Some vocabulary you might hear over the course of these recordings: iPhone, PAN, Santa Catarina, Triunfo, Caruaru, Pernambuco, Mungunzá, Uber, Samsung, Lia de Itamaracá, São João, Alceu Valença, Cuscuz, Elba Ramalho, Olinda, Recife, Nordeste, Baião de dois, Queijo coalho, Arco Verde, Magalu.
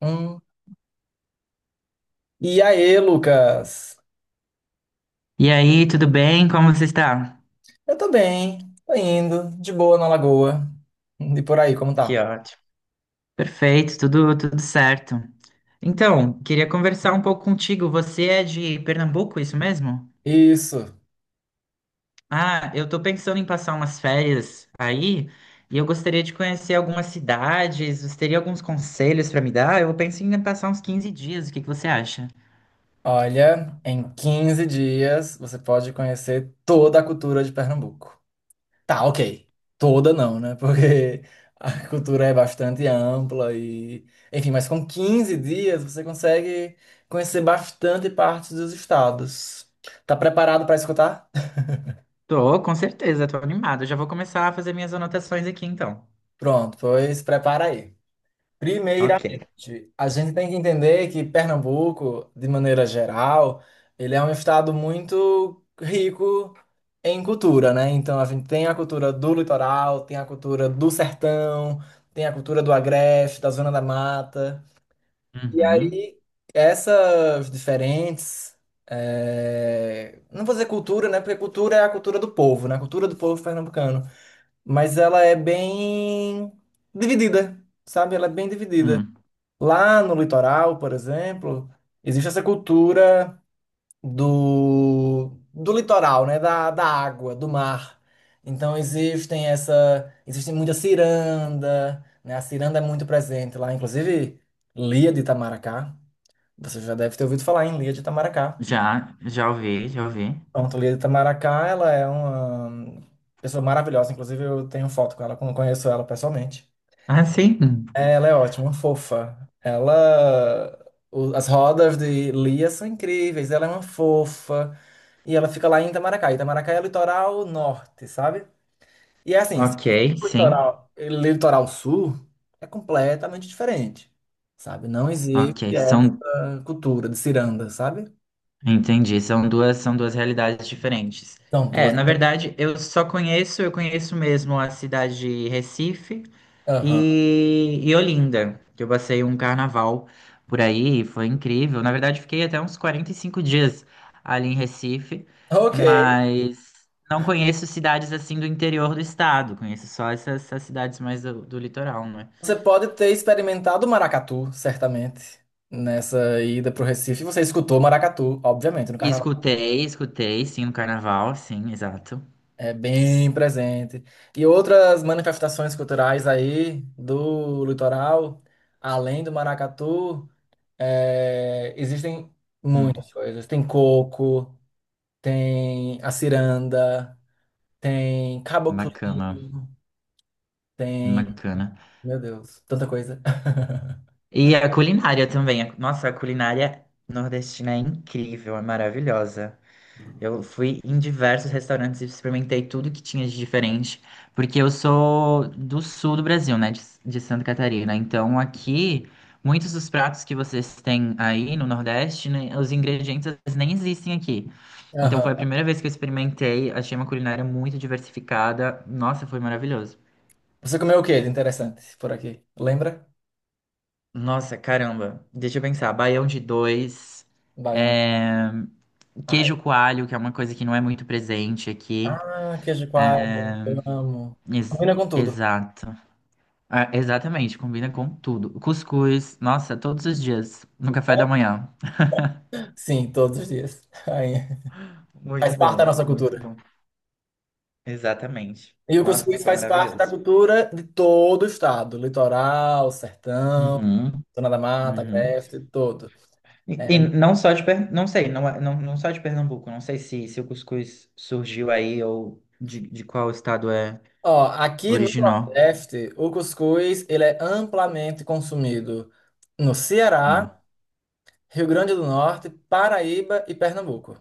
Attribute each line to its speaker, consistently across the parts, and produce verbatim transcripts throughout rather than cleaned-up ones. Speaker 1: Hum. E aí, Lucas?
Speaker 2: E aí, tudo bem? Como você está?
Speaker 1: Eu tô bem, tô indo, de boa na lagoa. E por aí, como
Speaker 2: Que
Speaker 1: tá?
Speaker 2: ótimo. Perfeito, tudo, tudo certo. Então, queria conversar um pouco contigo. Você é de Pernambuco, isso mesmo?
Speaker 1: Isso.
Speaker 2: Ah, eu tô pensando em passar umas férias aí e eu gostaria de conhecer algumas cidades. Você teria alguns conselhos para me dar? Eu penso em passar uns quinze dias. O que que você acha?
Speaker 1: Olha, em quinze dias você pode conhecer toda a cultura de Pernambuco. Tá, ok. Toda não, né? Porque a cultura é bastante ampla e. Enfim, mas com quinze dias você consegue conhecer bastante parte dos estados. Tá preparado pra escutar?
Speaker 2: Tô, com certeza, tô animado. Eu já vou começar a fazer minhas anotações aqui então.
Speaker 1: Pronto, pois prepara aí.
Speaker 2: Ok.
Speaker 1: Primeiramente, a gente tem que entender que Pernambuco, de maneira geral, ele é um estado muito rico em cultura, né? Então a gente tem a cultura do litoral, tem a cultura do sertão, tem a cultura do agreste, da zona da mata. E
Speaker 2: Uhum.
Speaker 1: aí, essas diferentes, eh, não vou dizer cultura, né? Porque cultura é a cultura do povo, né? A cultura do povo pernambucano. Mas ela é bem dividida, sabe? Ela é bem dividida.
Speaker 2: Hum.
Speaker 1: Lá no litoral, por exemplo, existe essa cultura do, do litoral, né? Da, da água, do mar. Então existem essa, existe muita ciranda, né? A ciranda é muito presente lá, inclusive Lia de Itamaracá. Você já deve ter ouvido falar em Lia de Itamaracá.
Speaker 2: Já, já ouvi, já ouvi.
Speaker 1: Pronto, Lia de Itamaracá, ela é uma pessoa maravilhosa, inclusive eu tenho foto com ela, como conheço ela pessoalmente.
Speaker 2: Ah, sim?
Speaker 1: É, ela é ótima, uma fofa. Ela. o- As rodas de Lia são incríveis, ela é uma fofa. E ela fica lá em Itamaracá. Itamaracá é o litoral norte, sabe? E é assim, se
Speaker 2: Ok,
Speaker 1: for
Speaker 2: sim.
Speaker 1: litoral, litoral sul é completamente diferente, sabe? Não existe
Speaker 2: Ok,
Speaker 1: essa
Speaker 2: são,
Speaker 1: cultura de ciranda, sabe?
Speaker 2: entendi, são duas, são duas realidades diferentes.
Speaker 1: São
Speaker 2: É,
Speaker 1: duas.
Speaker 2: na verdade, eu só conheço, eu conheço mesmo a cidade de Recife
Speaker 1: Aham.
Speaker 2: e, e Olinda, que eu passei um carnaval por aí, e foi incrível. Na verdade, fiquei até uns quarenta e cinco dias ali em Recife,
Speaker 1: Ok.
Speaker 2: mas não conheço cidades assim do interior do estado, conheço só essas, essas cidades mais do, do litoral, né?
Speaker 1: Você pode ter experimentado o maracatu, certamente, nessa ida pro Recife. Você escutou maracatu, obviamente, no
Speaker 2: E
Speaker 1: carnaval.
Speaker 2: escutei, escutei, sim, o carnaval, sim, exato.
Speaker 1: É bem presente. E outras manifestações culturais aí do litoral, além do maracatu, é, existem
Speaker 2: Hum,
Speaker 1: muitas coisas. Tem coco, tem a ciranda, tem
Speaker 2: bacana,
Speaker 1: caboclinho, tem.
Speaker 2: bacana.
Speaker 1: Meu Deus, tanta coisa.
Speaker 2: E a culinária também. a- Nossa, a culinária nordestina é incrível, é maravilhosa. Eu fui em diversos restaurantes e experimentei tudo que tinha de diferente, porque eu sou do sul do Brasil, né, de, de Santa Catarina. Então aqui, muitos dos pratos que vocês têm aí no Nordeste, né, os ingredientes às vezes, nem existem aqui. Então
Speaker 1: Aham.
Speaker 2: foi a primeira vez que eu experimentei, achei uma culinária muito diversificada. Nossa, foi maravilhoso.
Speaker 1: Você comeu o que de interessante por aqui? Lembra?
Speaker 2: Nossa, caramba. Deixa eu pensar. Baião de dois.
Speaker 1: Baiana.
Speaker 2: É.
Speaker 1: Ai,
Speaker 2: Queijo coalho, que é uma coisa que não é muito presente aqui.
Speaker 1: ah, queijo de coalho, eu amo.
Speaker 2: Ex-
Speaker 1: Combina com tudo.
Speaker 2: Exato. Ah, exatamente, combina com tudo. Cuscuz, nossa, todos os dias, no café da manhã.
Speaker 1: Sim, todos os dias. Ai,
Speaker 2: Muito
Speaker 1: faz parte da
Speaker 2: bom,
Speaker 1: nossa
Speaker 2: muito
Speaker 1: cultura.
Speaker 2: bom. Exatamente.
Speaker 1: E o
Speaker 2: Nossa,
Speaker 1: cuscuz
Speaker 2: foi
Speaker 1: faz parte da
Speaker 2: maravilhoso.
Speaker 1: cultura de todo o estado, litoral, sertão,
Speaker 2: Uhum,
Speaker 1: zona da mata,
Speaker 2: uhum.
Speaker 1: agreste, todo.
Speaker 2: E, e
Speaker 1: É,
Speaker 2: não só de, Per- não sei, não, é- não, não só de Pernambuco, não sei se, se o cuscuz surgiu aí ou de, de qual estado é
Speaker 1: ó, aqui no
Speaker 2: original.
Speaker 1: Nordeste, o cuscuz ele é amplamente consumido no Ceará, Rio Grande do Norte, Paraíba e Pernambuco.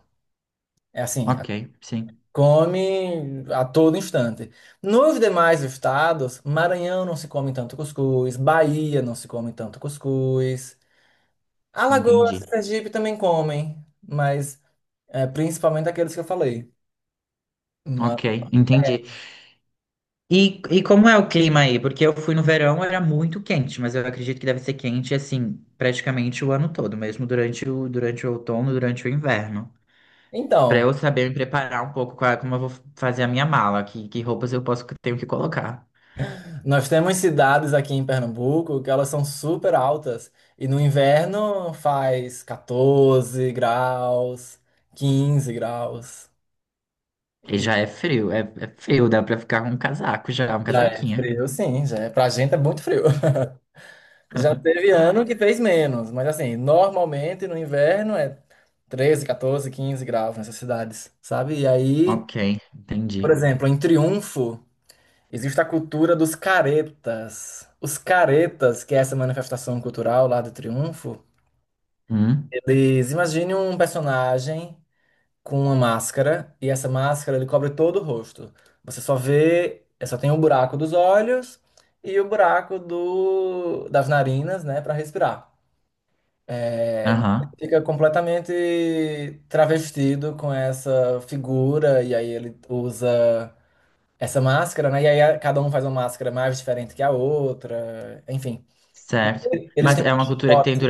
Speaker 1: É assim, a-
Speaker 2: Ok, sim,
Speaker 1: Come a todo instante. Nos demais estados, Maranhão não se come tanto cuscuz, Bahia não se come tanto cuscuz, Alagoas,
Speaker 2: entendi.
Speaker 1: e Sergipe também comem, mas é, principalmente aqueles que eu falei. Mas,
Speaker 2: Ok, entendi. E, e como é o clima aí? Porque eu fui no verão, era muito quente, mas eu acredito que deve ser quente assim, praticamente o ano todo, mesmo durante o, durante o, outono, durante o inverno. Pra
Speaker 1: então,
Speaker 2: eu saber me preparar um pouco com a- como eu vou fazer a minha mala, que, que roupas eu posso tenho que colocar.
Speaker 1: nós temos cidades aqui em Pernambuco que elas são super altas e no inverno faz quatorze graus, quinze graus.
Speaker 2: E já é frio, é, é frio, dá pra ficar com um casaco já, um
Speaker 1: Já é
Speaker 2: casaquinho.
Speaker 1: frio, sim, já é. Pra gente é muito frio. Já teve ano que fez menos, mas assim, normalmente no inverno é treze, quatorze, quinze graus nessas cidades, sabe? E aí,
Speaker 2: Ok,
Speaker 1: por
Speaker 2: entendi.
Speaker 1: exemplo, em Triunfo. Existe a cultura dos caretas. Os caretas, que é essa manifestação cultural lá do Triunfo,
Speaker 2: Hum,
Speaker 1: eles imaginem um personagem com uma máscara e essa máscara ele cobre todo o rosto. Você só vê, é, só tem o buraco dos olhos e o buraco do, das narinas, né, para respirar.
Speaker 2: aham,
Speaker 1: Fica completamente travestido com essa figura e aí ele usa essa máscara, né? E aí a- cada um faz uma máscara mais diferente que a outra, enfim. E
Speaker 2: certo.
Speaker 1: eles
Speaker 2: Mas
Speaker 1: têm
Speaker 2: é uma cultura que tem,
Speaker 1: foto.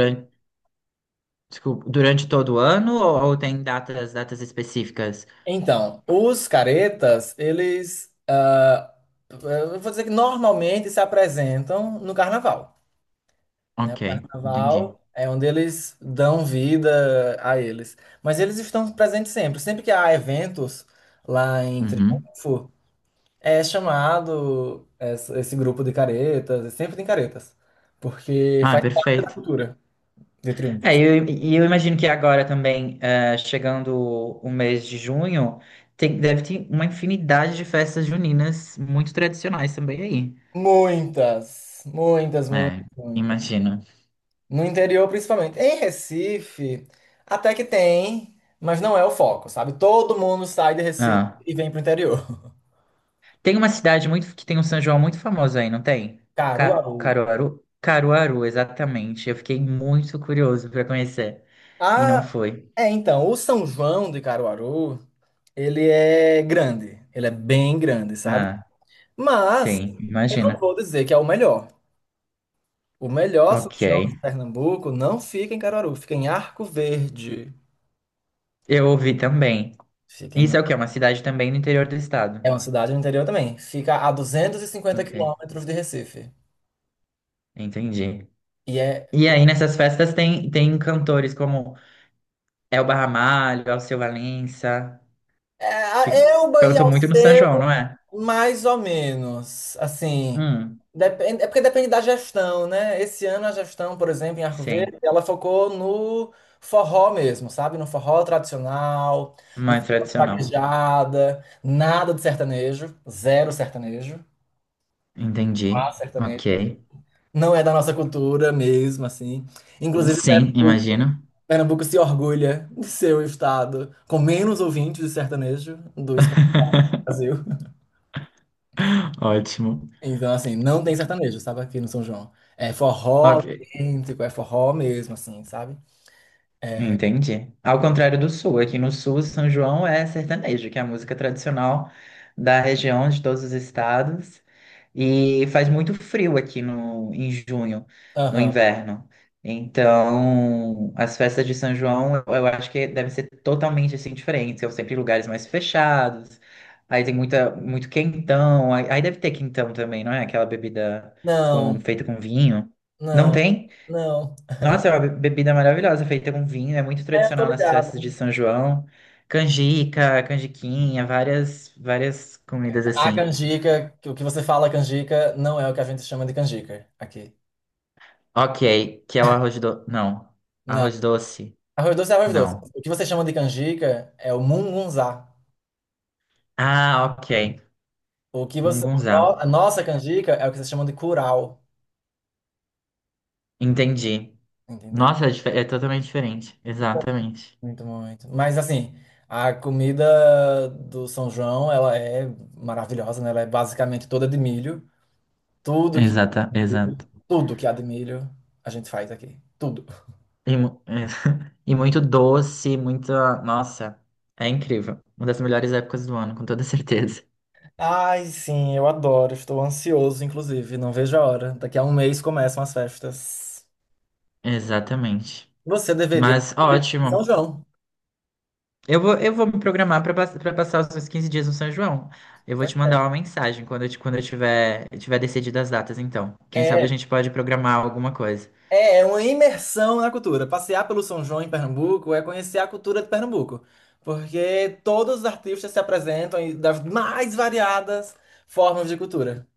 Speaker 2: desculpa, durante todo o ano ou, ou tem datas, datas específicas?
Speaker 1: Então, os caretas, eles, ah, eu vou dizer que normalmente se apresentam no carnaval, né? O
Speaker 2: Ok, entendi.
Speaker 1: carnaval é onde eles dão vida a eles. Mas eles estão presentes sempre. Sempre que há eventos lá em
Speaker 2: Uhum.
Speaker 1: Triunfo, é chamado esse esse grupo de caretas, sempre tem caretas, porque
Speaker 2: Ah,
Speaker 1: faz parte da
Speaker 2: perfeito.
Speaker 1: cultura de Triunfo.
Speaker 2: É, e eu, e eu imagino que agora também, eh, chegando o mês de junho, tem, deve ter uma infinidade de festas juninas muito tradicionais também aí.
Speaker 1: Muitas, muitas, muitas,
Speaker 2: É,
Speaker 1: muitas.
Speaker 2: imagino.
Speaker 1: No interior, principalmente. Em Recife, até que tem, mas não é o foco, sabe? Todo mundo sai de Recife
Speaker 2: Ah.
Speaker 1: e vem pro interior.
Speaker 2: Tem uma cidade muito que tem um São João muito famoso aí, não tem? Ca-
Speaker 1: Caruaru.
Speaker 2: Caruaru? Caruaru, exatamente. Eu fiquei muito curioso para conhecer e não
Speaker 1: Ah,
Speaker 2: fui.
Speaker 1: é, então, o São João de Caruaru, ele é grande. Ele é bem grande, sabe?
Speaker 2: Ah.
Speaker 1: Mas
Speaker 2: Sim,
Speaker 1: eu não
Speaker 2: imagina.
Speaker 1: vou dizer que é o melhor. O melhor São
Speaker 2: Ok.
Speaker 1: João de Pernambuco não fica em Caruaru, fica em Arco Verde.
Speaker 2: Eu ouvi também.
Speaker 1: Fica em...
Speaker 2: Isso é o quê? Uma cidade também no interior do estado.
Speaker 1: É uma cidade no interior também. Fica a duzentos e cinquenta
Speaker 2: Ok,
Speaker 1: quilômetros de Recife.
Speaker 2: entendi.
Speaker 1: E é
Speaker 2: E aí nessas festas tem, tem cantores como Elba Ramalho, Alceu Valença,
Speaker 1: é, a
Speaker 2: que
Speaker 1: Elba e
Speaker 2: cantam muito no São
Speaker 1: Alceu,
Speaker 2: João, não é?
Speaker 1: mais ou menos. Assim,
Speaker 2: Hum,
Speaker 1: depende, é porque depende da gestão, né? Esse ano a gestão, por exemplo, em Arco
Speaker 2: sim,
Speaker 1: Verde, ela focou no forró mesmo, sabe? No forró tradicional, no
Speaker 2: mais
Speaker 1: forró de
Speaker 2: tradicional.
Speaker 1: vaquejada, nada de sertanejo, zero sertanejo. Ah,
Speaker 2: Entendi.
Speaker 1: sertanejo.
Speaker 2: Ok.
Speaker 1: Não é da nossa cultura mesmo, assim. Inclusive,
Speaker 2: Sim,
Speaker 1: Pernambuco,
Speaker 2: imagino.
Speaker 1: Pernambuco se orgulha de ser o estado com menos ouvintes de sertanejo do Brasil.
Speaker 2: Ótimo.
Speaker 1: Então, assim, não tem sertanejo, sabe, aqui no São João. É forró
Speaker 2: Ok.
Speaker 1: autêntico, é forró mesmo, assim, sabe?
Speaker 2: Entendi. Ao contrário do sul, aqui no sul, São João é sertanejo, que é a música tradicional da região, de todos os estados. E faz muito frio aqui no, em junho, no
Speaker 1: Aham.
Speaker 2: inverno. Então, as festas de São João, eu, eu acho que devem ser totalmente assim diferentes. São sempre lugares mais fechados. Aí tem muita, muito quentão. Aí, aí deve ter quentão também, não é? Aquela bebida com,
Speaker 1: Não,
Speaker 2: feita com vinho. Não
Speaker 1: não,
Speaker 2: tem?
Speaker 1: não.
Speaker 2: Nossa, é uma be- bebida maravilhosa, feita com vinho, é muito
Speaker 1: É, eu tô
Speaker 2: tradicional nas festas de
Speaker 1: ligado.
Speaker 2: São João. Canjica, canjiquinha, várias, várias comidas
Speaker 1: A
Speaker 2: assim.
Speaker 1: canjica, que o que você fala canjica, não é o que a gente chama de canjica aqui.
Speaker 2: Ok, que é o arroz do. Não.
Speaker 1: Não.
Speaker 2: Arroz doce?
Speaker 1: Arroz doce é arroz doce.
Speaker 2: Não.
Speaker 1: O que você chama de canjica é o mungunzá.
Speaker 2: Ah, ok.
Speaker 1: O que você, o
Speaker 2: Mungunzá.
Speaker 1: no- a nossa canjica é o que você chama de curau,
Speaker 2: Entendi.
Speaker 1: entendeu?
Speaker 2: Nossa, é, dife- é totalmente diferente. Exatamente.
Speaker 1: Muito, muito. Mas assim, a comida do São João, ela é maravilhosa, né? Ela é basicamente toda de milho. Tudo que há
Speaker 2: Exata,
Speaker 1: de milho,
Speaker 2: exato.
Speaker 1: tudo que há de milho, a gente faz aqui. Tudo.
Speaker 2: E, mu- e muito doce, muita. Nossa, é incrível. Uma das melhores épocas do ano, com toda certeza.
Speaker 1: Ai, sim, eu adoro. Estou ansioso, inclusive. Não vejo a hora. Daqui a um mês começam as festas.
Speaker 2: Exatamente.
Speaker 1: Você deveria
Speaker 2: Mas
Speaker 1: ir em São
Speaker 2: ótimo.
Speaker 1: João.
Speaker 2: Eu vou, eu vou me programar para passar os meus quinze dias no São João. Eu vou te mandar uma mensagem quando eu, te- quando eu tiver, tiver decidido as datas, então. Quem sabe a
Speaker 1: É,
Speaker 2: gente pode programar alguma coisa.
Speaker 1: É, é uma imersão na cultura. Passear pelo São João em Pernambuco é conhecer a cultura de Pernambuco, porque todos os artistas se apresentam em- das mais variadas formas de cultura.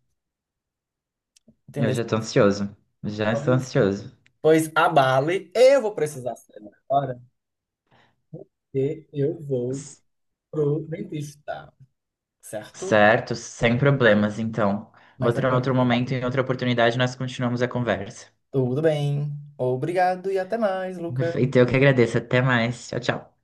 Speaker 2: Eu
Speaker 1: Entendeu?
Speaker 2: já tô ansioso. Já estou
Speaker 1: Pois,
Speaker 2: ansioso.
Speaker 1: pois abale, eu vou precisar sair agora, porque eu vou
Speaker 2: S-
Speaker 1: pro dentista, certo?
Speaker 2: Certo, sem problemas, então.
Speaker 1: Mas é,
Speaker 2: Outro, outro momento, em outra oportunidade, nós continuamos a conversa.
Speaker 1: tudo bem. Obrigado e até mais, Lucas.
Speaker 2: Perfeito, eu que agradeço. Até mais. Tchau, tchau.